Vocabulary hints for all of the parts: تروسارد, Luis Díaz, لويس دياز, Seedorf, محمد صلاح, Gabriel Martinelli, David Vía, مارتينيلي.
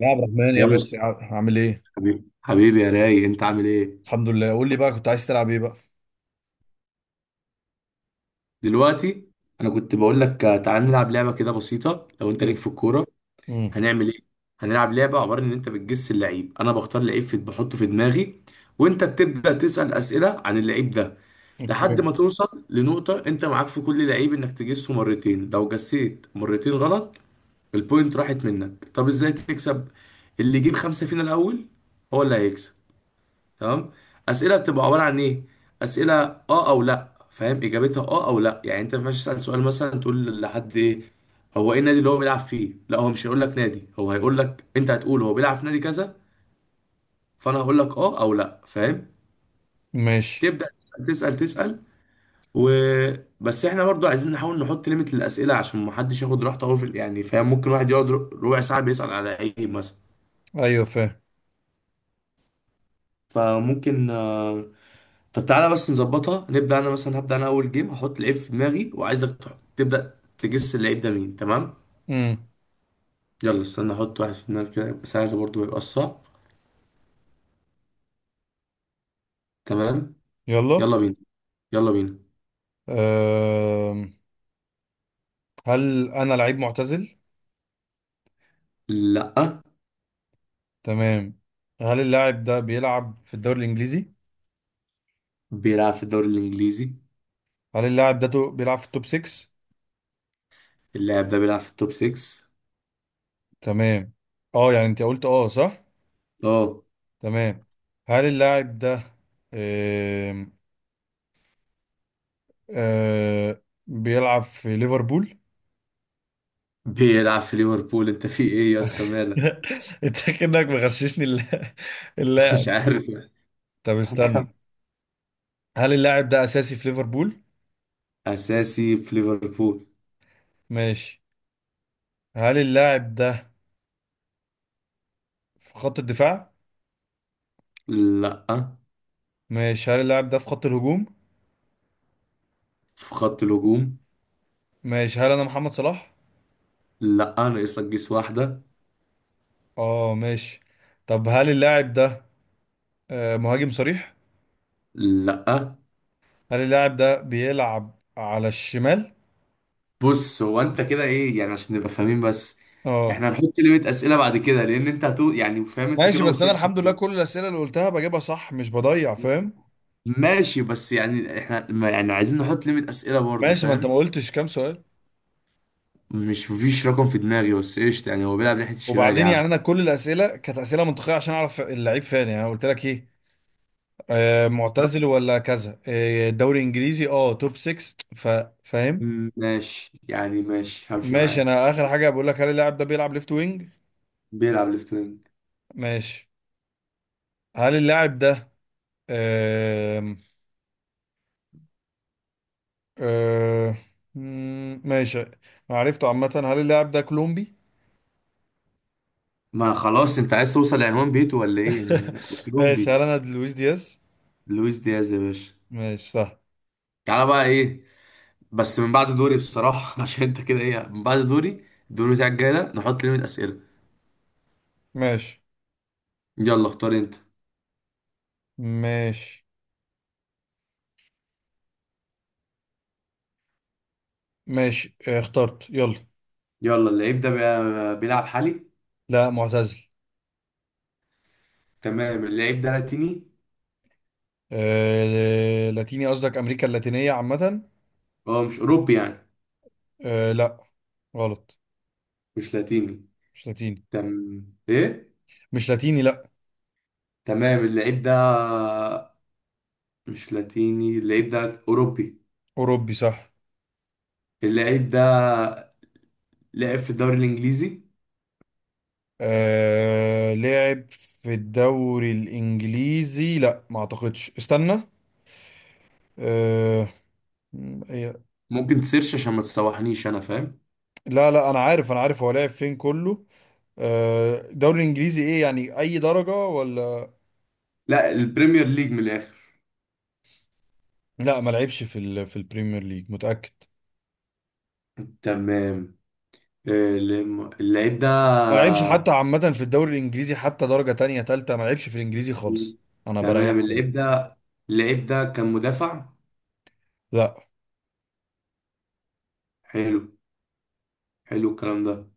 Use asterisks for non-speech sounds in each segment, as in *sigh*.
يا عبد الرحمن يا يا باشا مصطفى، عامل ايه؟ حبيبي حبيبي يا راي، انت عامل ايه الحمد لله، قول لي بقى، كنت عايز تلعب ايه بقى؟ دلوقتي؟ انا كنت بقول لك تعال نلعب لعبه كده بسيطه. لو انت امم ليك في الكوره امم هنعمل ايه. هنلعب لعبه عباره ان انت بتجس اللعيب، انا بختار لعيب في بحطه في دماغي وانت بتبدا تسال اسئله عن اللعيب ده اوكي، لحد ما توصل لنقطه. انت معاك في كل لعيب انك تجسه مرتين، لو جسيت مرتين غلط البوينت راحت منك. طب ازاي تكسب؟ اللي يجيب خمسه فينا الاول هو اللي هيكسب. تمام. اسئله بتبقى عباره عن ايه؟ اسئله اه او لا، فاهم؟ اجابتها اه او لا، يعني انت ما ينفعش تسال سؤال مثلا تقول لحد ايه هو ايه النادي اللي هو بيلعب فيه، لا هو مش هيقول لك نادي، هو هيقول لك انت هتقول هو بيلعب في نادي كذا فانا هقول لك اه او لا، فاهم؟ ماشي، تبدا تسال تسال تسال. و بس احنا برضو عايزين نحاول نحط ليميت للاسئله عشان ما حدش ياخد راحته قوي في يعني، فاهم؟ ممكن واحد يقعد ربع ساعه بيسال على عيب مثلا. ايوه فاهم، فممكن طب تعالى بس نظبطها. نبدأ أنا مثلا، هبدأ أنا أول جيم، هحط لعيب في دماغي وعايزك تبدأ تجس اللعيب ده مين. تمام؟ امم يلا استنى أحط واحد في دماغي كده. يبقى سهل برضه، ما يبقاش صعب. تمام. يلا. يلا بينا، يلا بينا. أم. هل انا لعيب معتزل؟ لأ. تمام. هل اللاعب ده بيلعب في الدوري الانجليزي؟ بيلعب في الدوري الإنجليزي. هل اللاعب ده بيلعب في التوب 6؟ اللاعب ده بيلعب في التوب 6. تمام. اه يعني انت قلت اه، صح؟ أه. تمام. هل اللاعب ده أم. أه. بيلعب في ليفربول؟ بيلعب في ليفربول. أنت في إيه يا اسطى مالك؟ *laughs* انت كأنك مغششني *laughs* مش الل- عارف يعني. طب طب كمل. استنى. هل اللاعب ده اساسي في ليفربول؟ أساسي في ليفربول. ماشي. هل اللاعب ده في خط الدفاع؟ لأ. ماشي. هل اللاعب ده في خط الهجوم؟ في خط الهجوم. ماشي. هل انا محمد صلاح؟ لأ، ناقص لك جيس واحدة. اه ماشي. طب هل اللاعب ده مهاجم صريح؟ لأ. هل اللاعب ده بيلعب على الشمال؟ بص، هو انت كده ايه يعني عشان نبقى فاهمين بس. اه احنا هنحط ليميت اسئله بعد كده لان انت هتو، يعني فاهم، انت ماشي، كده بس انا وصلت. الحمد لله كل الاسئله اللي قلتها بجيبها صح، مش بضيع، فاهم. ماشي، بس يعني احنا، ما يعني، عايزين نحط ليميت اسئله برضه، ماشي، ما انت ما فاهم؟ قلتش كام سؤال. مش، مفيش رقم في دماغي بس قشطه. يعني هو بيلعب ناحيه الشمال يا وبعدين عم. يعني انا كل الاسئله كانت اسئله منطقيه عشان اعرف اللعيب فين، يعني أنا قلت لك ايه، معتزل ولا كذا، دوري انجليزي، اه توب 6 فاهم. ماشي، يعني ماشي همشي ماشي، انا معاك. اخر حاجه بقول لك، هل اللاعب ده بيلعب ليفت وينج؟ بيلعب ليفت وينج. ماشي. هل اللاعب ده آم، آه، مم، ماشي، أنا عرفته عامه، هل اللاعب ده كولومبي؟ ما خلاص انت عايز توصل لعنوان بيته ولا ايه؟ *laughs* ما هو ماشي. كولومبي. هل انا لويس دياز؟ لويس دياز يا باشا. ماشي صح. تعالى بقى ايه. بس من بعد دوري بصراحة *laughs* عشان انت كده ايه. من بعد دوري الدور بتاعك جاي ده نحط ليميت أسئلة. ماشي يلا اختار انت. ماشي ماشي، اخترت يلا. يلا، اللعيب ده بيلعب حالي. لا معتزل. تمام. اللعيب ده لاتيني. لاتيني؟ قصدك امريكا اللاتينيه عامه. هو مش أوروبي يعني. لا. غلط. مش لاتيني. مش لاتيني. تم. ايه؟ مش لاتيني لا. تمام اللعيب ده مش لاتيني. اللعيب ده أوروبي. أوروبي صح. اللعيب ده لعب في الدوري الإنجليزي. لعب في الدوري الإنجليزي؟ لا ما أعتقدش، استنى. آه... إيه. ممكن تسيرش عشان ما تسوحنيش أنا، فاهم؟ لا لا، أنا عارف، أنا عارف، هو لعب فين كله. الدوري الإنجليزي إيه يعني؟ أي درجة ولا؟ لا، البريمير ليج من الآخر. لا ما لعبش في في البريمير ليج، متأكد. تمام. آه، اللعيب ده ما لعبش حتى عامة في الدوري الإنجليزي، حتى درجة تانية تالتة، ما لعبش في الإنجليزي مم. خالص. أنا تمام بريحك أهو. اللعيب ده، اللعيب ده كان مدافع. لا، حلو. حلو الكلام ده.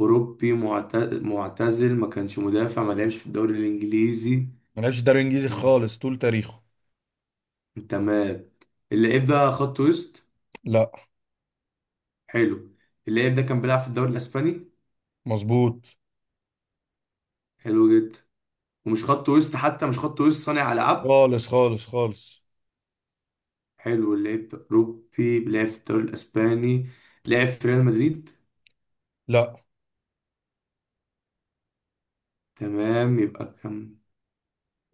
أوروبي، معتزل، ما كانش مدافع، ما لعبش في الدوري الإنجليزي. ما لعبش الدوري الإنجليزي مم. خالص طول تاريخه. تمام. اللعيب ده خط وسط. لا حلو. اللعيب ده كان بيلعب في الدوري الإسباني. مظبوط. حلو جدا. ومش خط وسط حتى، مش خط وسط، صانع ألعاب. خالص خالص خالص. حلو. اللعيب ده أوروبي بيلعب في الدوري الإسباني. لعب في ريال مدريد. لا تمام يبقى كان.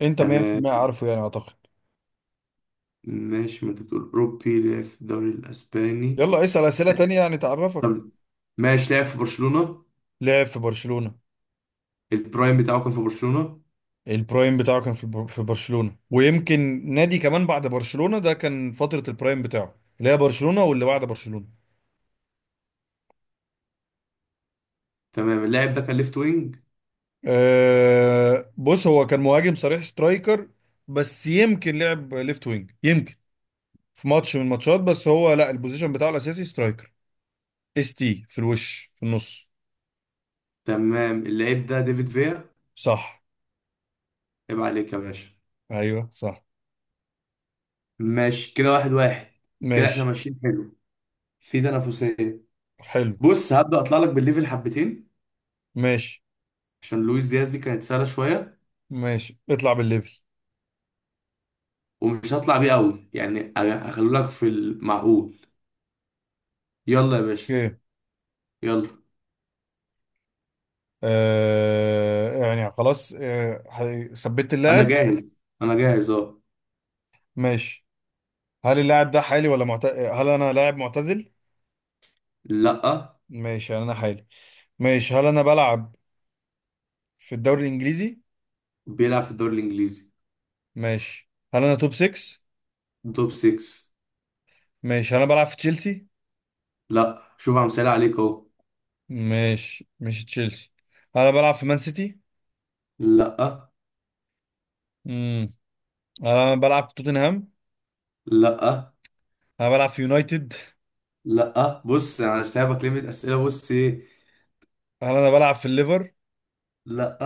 انت تمام. 100% عارفه يعني، اعتقد. ماشي، ما انت بتقول أوروبي لعب في الدوري الأسباني. يلا اسأل اسئلة تانية يعني تعرفك. طب ماشي، لعب في برشلونة. لعب في برشلونة. البرايم بتاعه كان في برشلونة. البرايم بتاعه كان في في برشلونة، ويمكن نادي كمان بعد برشلونة، ده كان فترة البرايم بتاعه، اللي هي برشلونة واللي بعد برشلونة. تمام. اللاعب ده كان ليفت وينج. أه، بص، هو كان مهاجم صريح، سترايكر، بس يمكن لعب ليفت وينج، يمكن في ماتش من الماتشات، بس هو لا، البوزيشن بتاعه الاساسي سترايكر، اس تي، في الوش، في النص. تمام اللاعب ده ديفيد فيا. صح. عيب عليك يا باشا. ايوه صح. ماشي كده، واحد واحد. كده احنا ماشي ماشيين حلو. في تنافسية. حلو. بص هبدأ اطلع لك بالليفل حبتين ماشي عشان لويس دياز دي كانت سهلة شوية. ماشي، اطلع بالليفل. ومش هطلع بيه قوي يعني، هخلو لك في المعقول. يلا يا باشا، اوكي. يلا. يعني خلاص، ثبت انا اللاعب. جاهز. انا جاهز اه. ماشي، هل اللاعب ده حالي ولا هل انا لاعب معتزل؟ لا. ماشي. هل انا حالي؟ ماشي، هل انا بلعب في الدوري الانجليزي؟ بيلعب في الدوري الانجليزي. ماشي. هل انا توب 6؟ توب 6. ماشي. هل انا بلعب في تشيلسي؟ لا، شوف عم سأل عليك اهو. ماشي، مش تشيلسي. هل انا بلعب في مان سيتي؟ لا. امم هل انا بلعب في توتنهام؟ لا. هل انا بلعب في يونايتد؟ لا، بص انا سايبك ليميت اسئله. بص ايه. هل انا بلعب في الليفر؟ لا.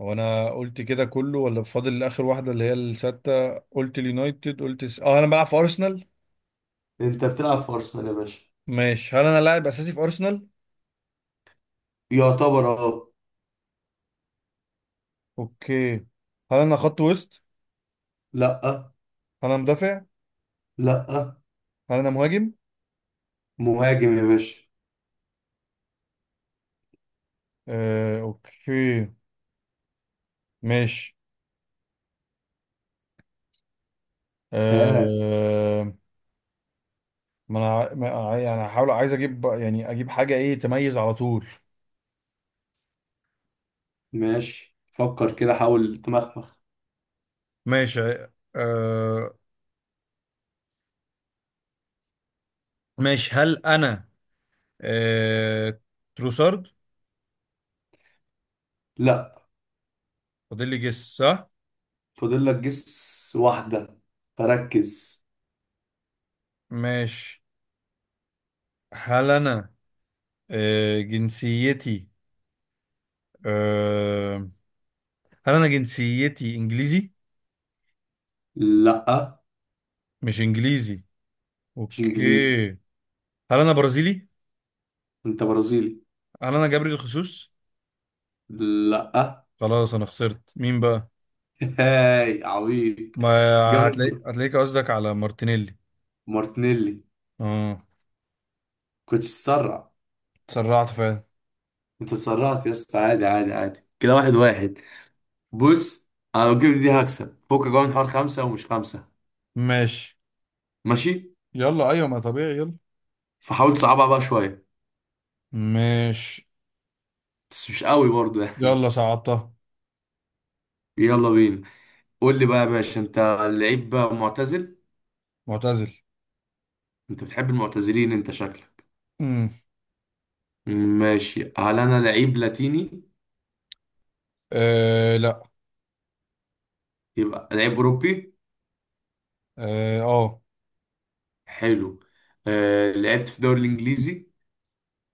هو انا قلت كده كله ولا فاضل اخر واحده اللي هي السته، قلت اليونايتد، قلت اه انا بلعب في ارسنال. انت بتلعب في ارسنال يا باشا. ماشي، هل انا لاعب اساسي في ارسنال؟ يعتبر اه. اوكي. هل انا خط وسط؟ لا. هل انا مدافع؟ لا. هل انا مهاجم؟ مهاجم يا باشا. آه اوكي. ماشي. ها. آه ما انا ع- ما ع- يعني هحاول عايز اجيب يعني اجيب حاجه ايه تميز على طول. ماشي، فكر كده، حاول تمخمخ. ماشي. آه ماشي، هل انا آه تروسارد؟ لا. فاضل لي جس صح. فاضل لك جس واحده، فركز. ماشي. هل انا جنسيتي، آه، هل انا جنسيتي انجليزي؟ لا، مش انجليزي. مش انجليزي. اوكي. هل انا برازيلي؟ انت برازيلي. هل انا جابري الخسوس؟ لا. خلاص انا خسرت. مين بقى؟ *laughs* هاي عبيط. ما هتلاقي جابريل هتلاقيك، قصدك على مارتينيلي؟ مارتينيلي. اه كنت تسرع. اتسرعت فعلا. انت اتسرعت يا اسطى. عادي عادي عادي، كده واحد واحد. بص، انا لو جبت دي هكسب فوق جوه من حوار خمسة ومش خمسة. ماشي. ماشي. يلا ايوه، ما طبيعي، يلا. فحاول تصعبها بقى شوية. ماشي بس مش قوي برضو يعني. يلا صعبتها. يلا بينا. قول لي بقى يا باشا، انت لعيب معتزل. معتزل. انت بتحب المعتزلين انت شكلك. امم ماشي. هل انا لعيب لاتيني؟ لا. يبقى لعيب اوروبي. اه آه. حلو. آه لعبت في الدوري الانجليزي.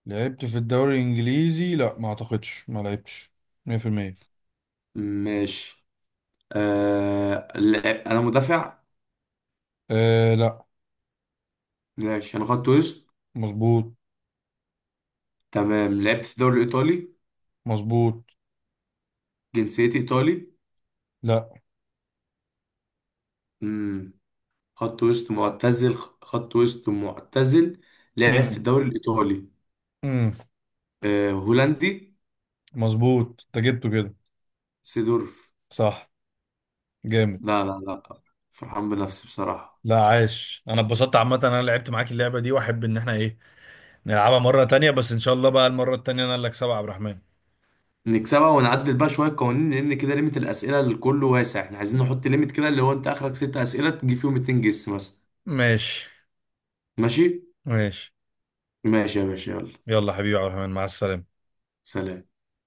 لعبت في الدوري الانجليزي؟ لا ما اعتقدش ما لعبتش، 100%. ماشي. انا مدافع. لا. ماشي. انا خدت وسط. مظبوط. تمام لعبت في الدوري الايطالي. مظبوط. جنسيتي ايطالي. لا. امم. خط وسط معتزل، خط وسط معتزل، لعب في امم الدوري الايطالي. امم أه هولندي. مظبوط، انت جبته كده. سيدورف. صح. جامد. لا لا لا. فرحان بنفسي بصراحة. لا عاش، انا اتبسطت عامه إن انا لعبت معاك اللعبه دي، واحب ان احنا ايه نلعبها مره تانية، بس ان شاء الله بقى المره التانية انا اللي اكسبها يا عبد الرحمن. نكسبها ونعدل بقى شوية قوانين، لأن كده ليميت الأسئلة للكل واسع. احنا عايزين نحط ليميت كده اللي هو أنت آخرك ست أسئلة تجيب فيهم اتنين جس مثلا. ماشي ماشي. ماشي. ماشي يا باشا يلا. يلا حبيبي يا عبد الرحمن، مع السلامه. سلام.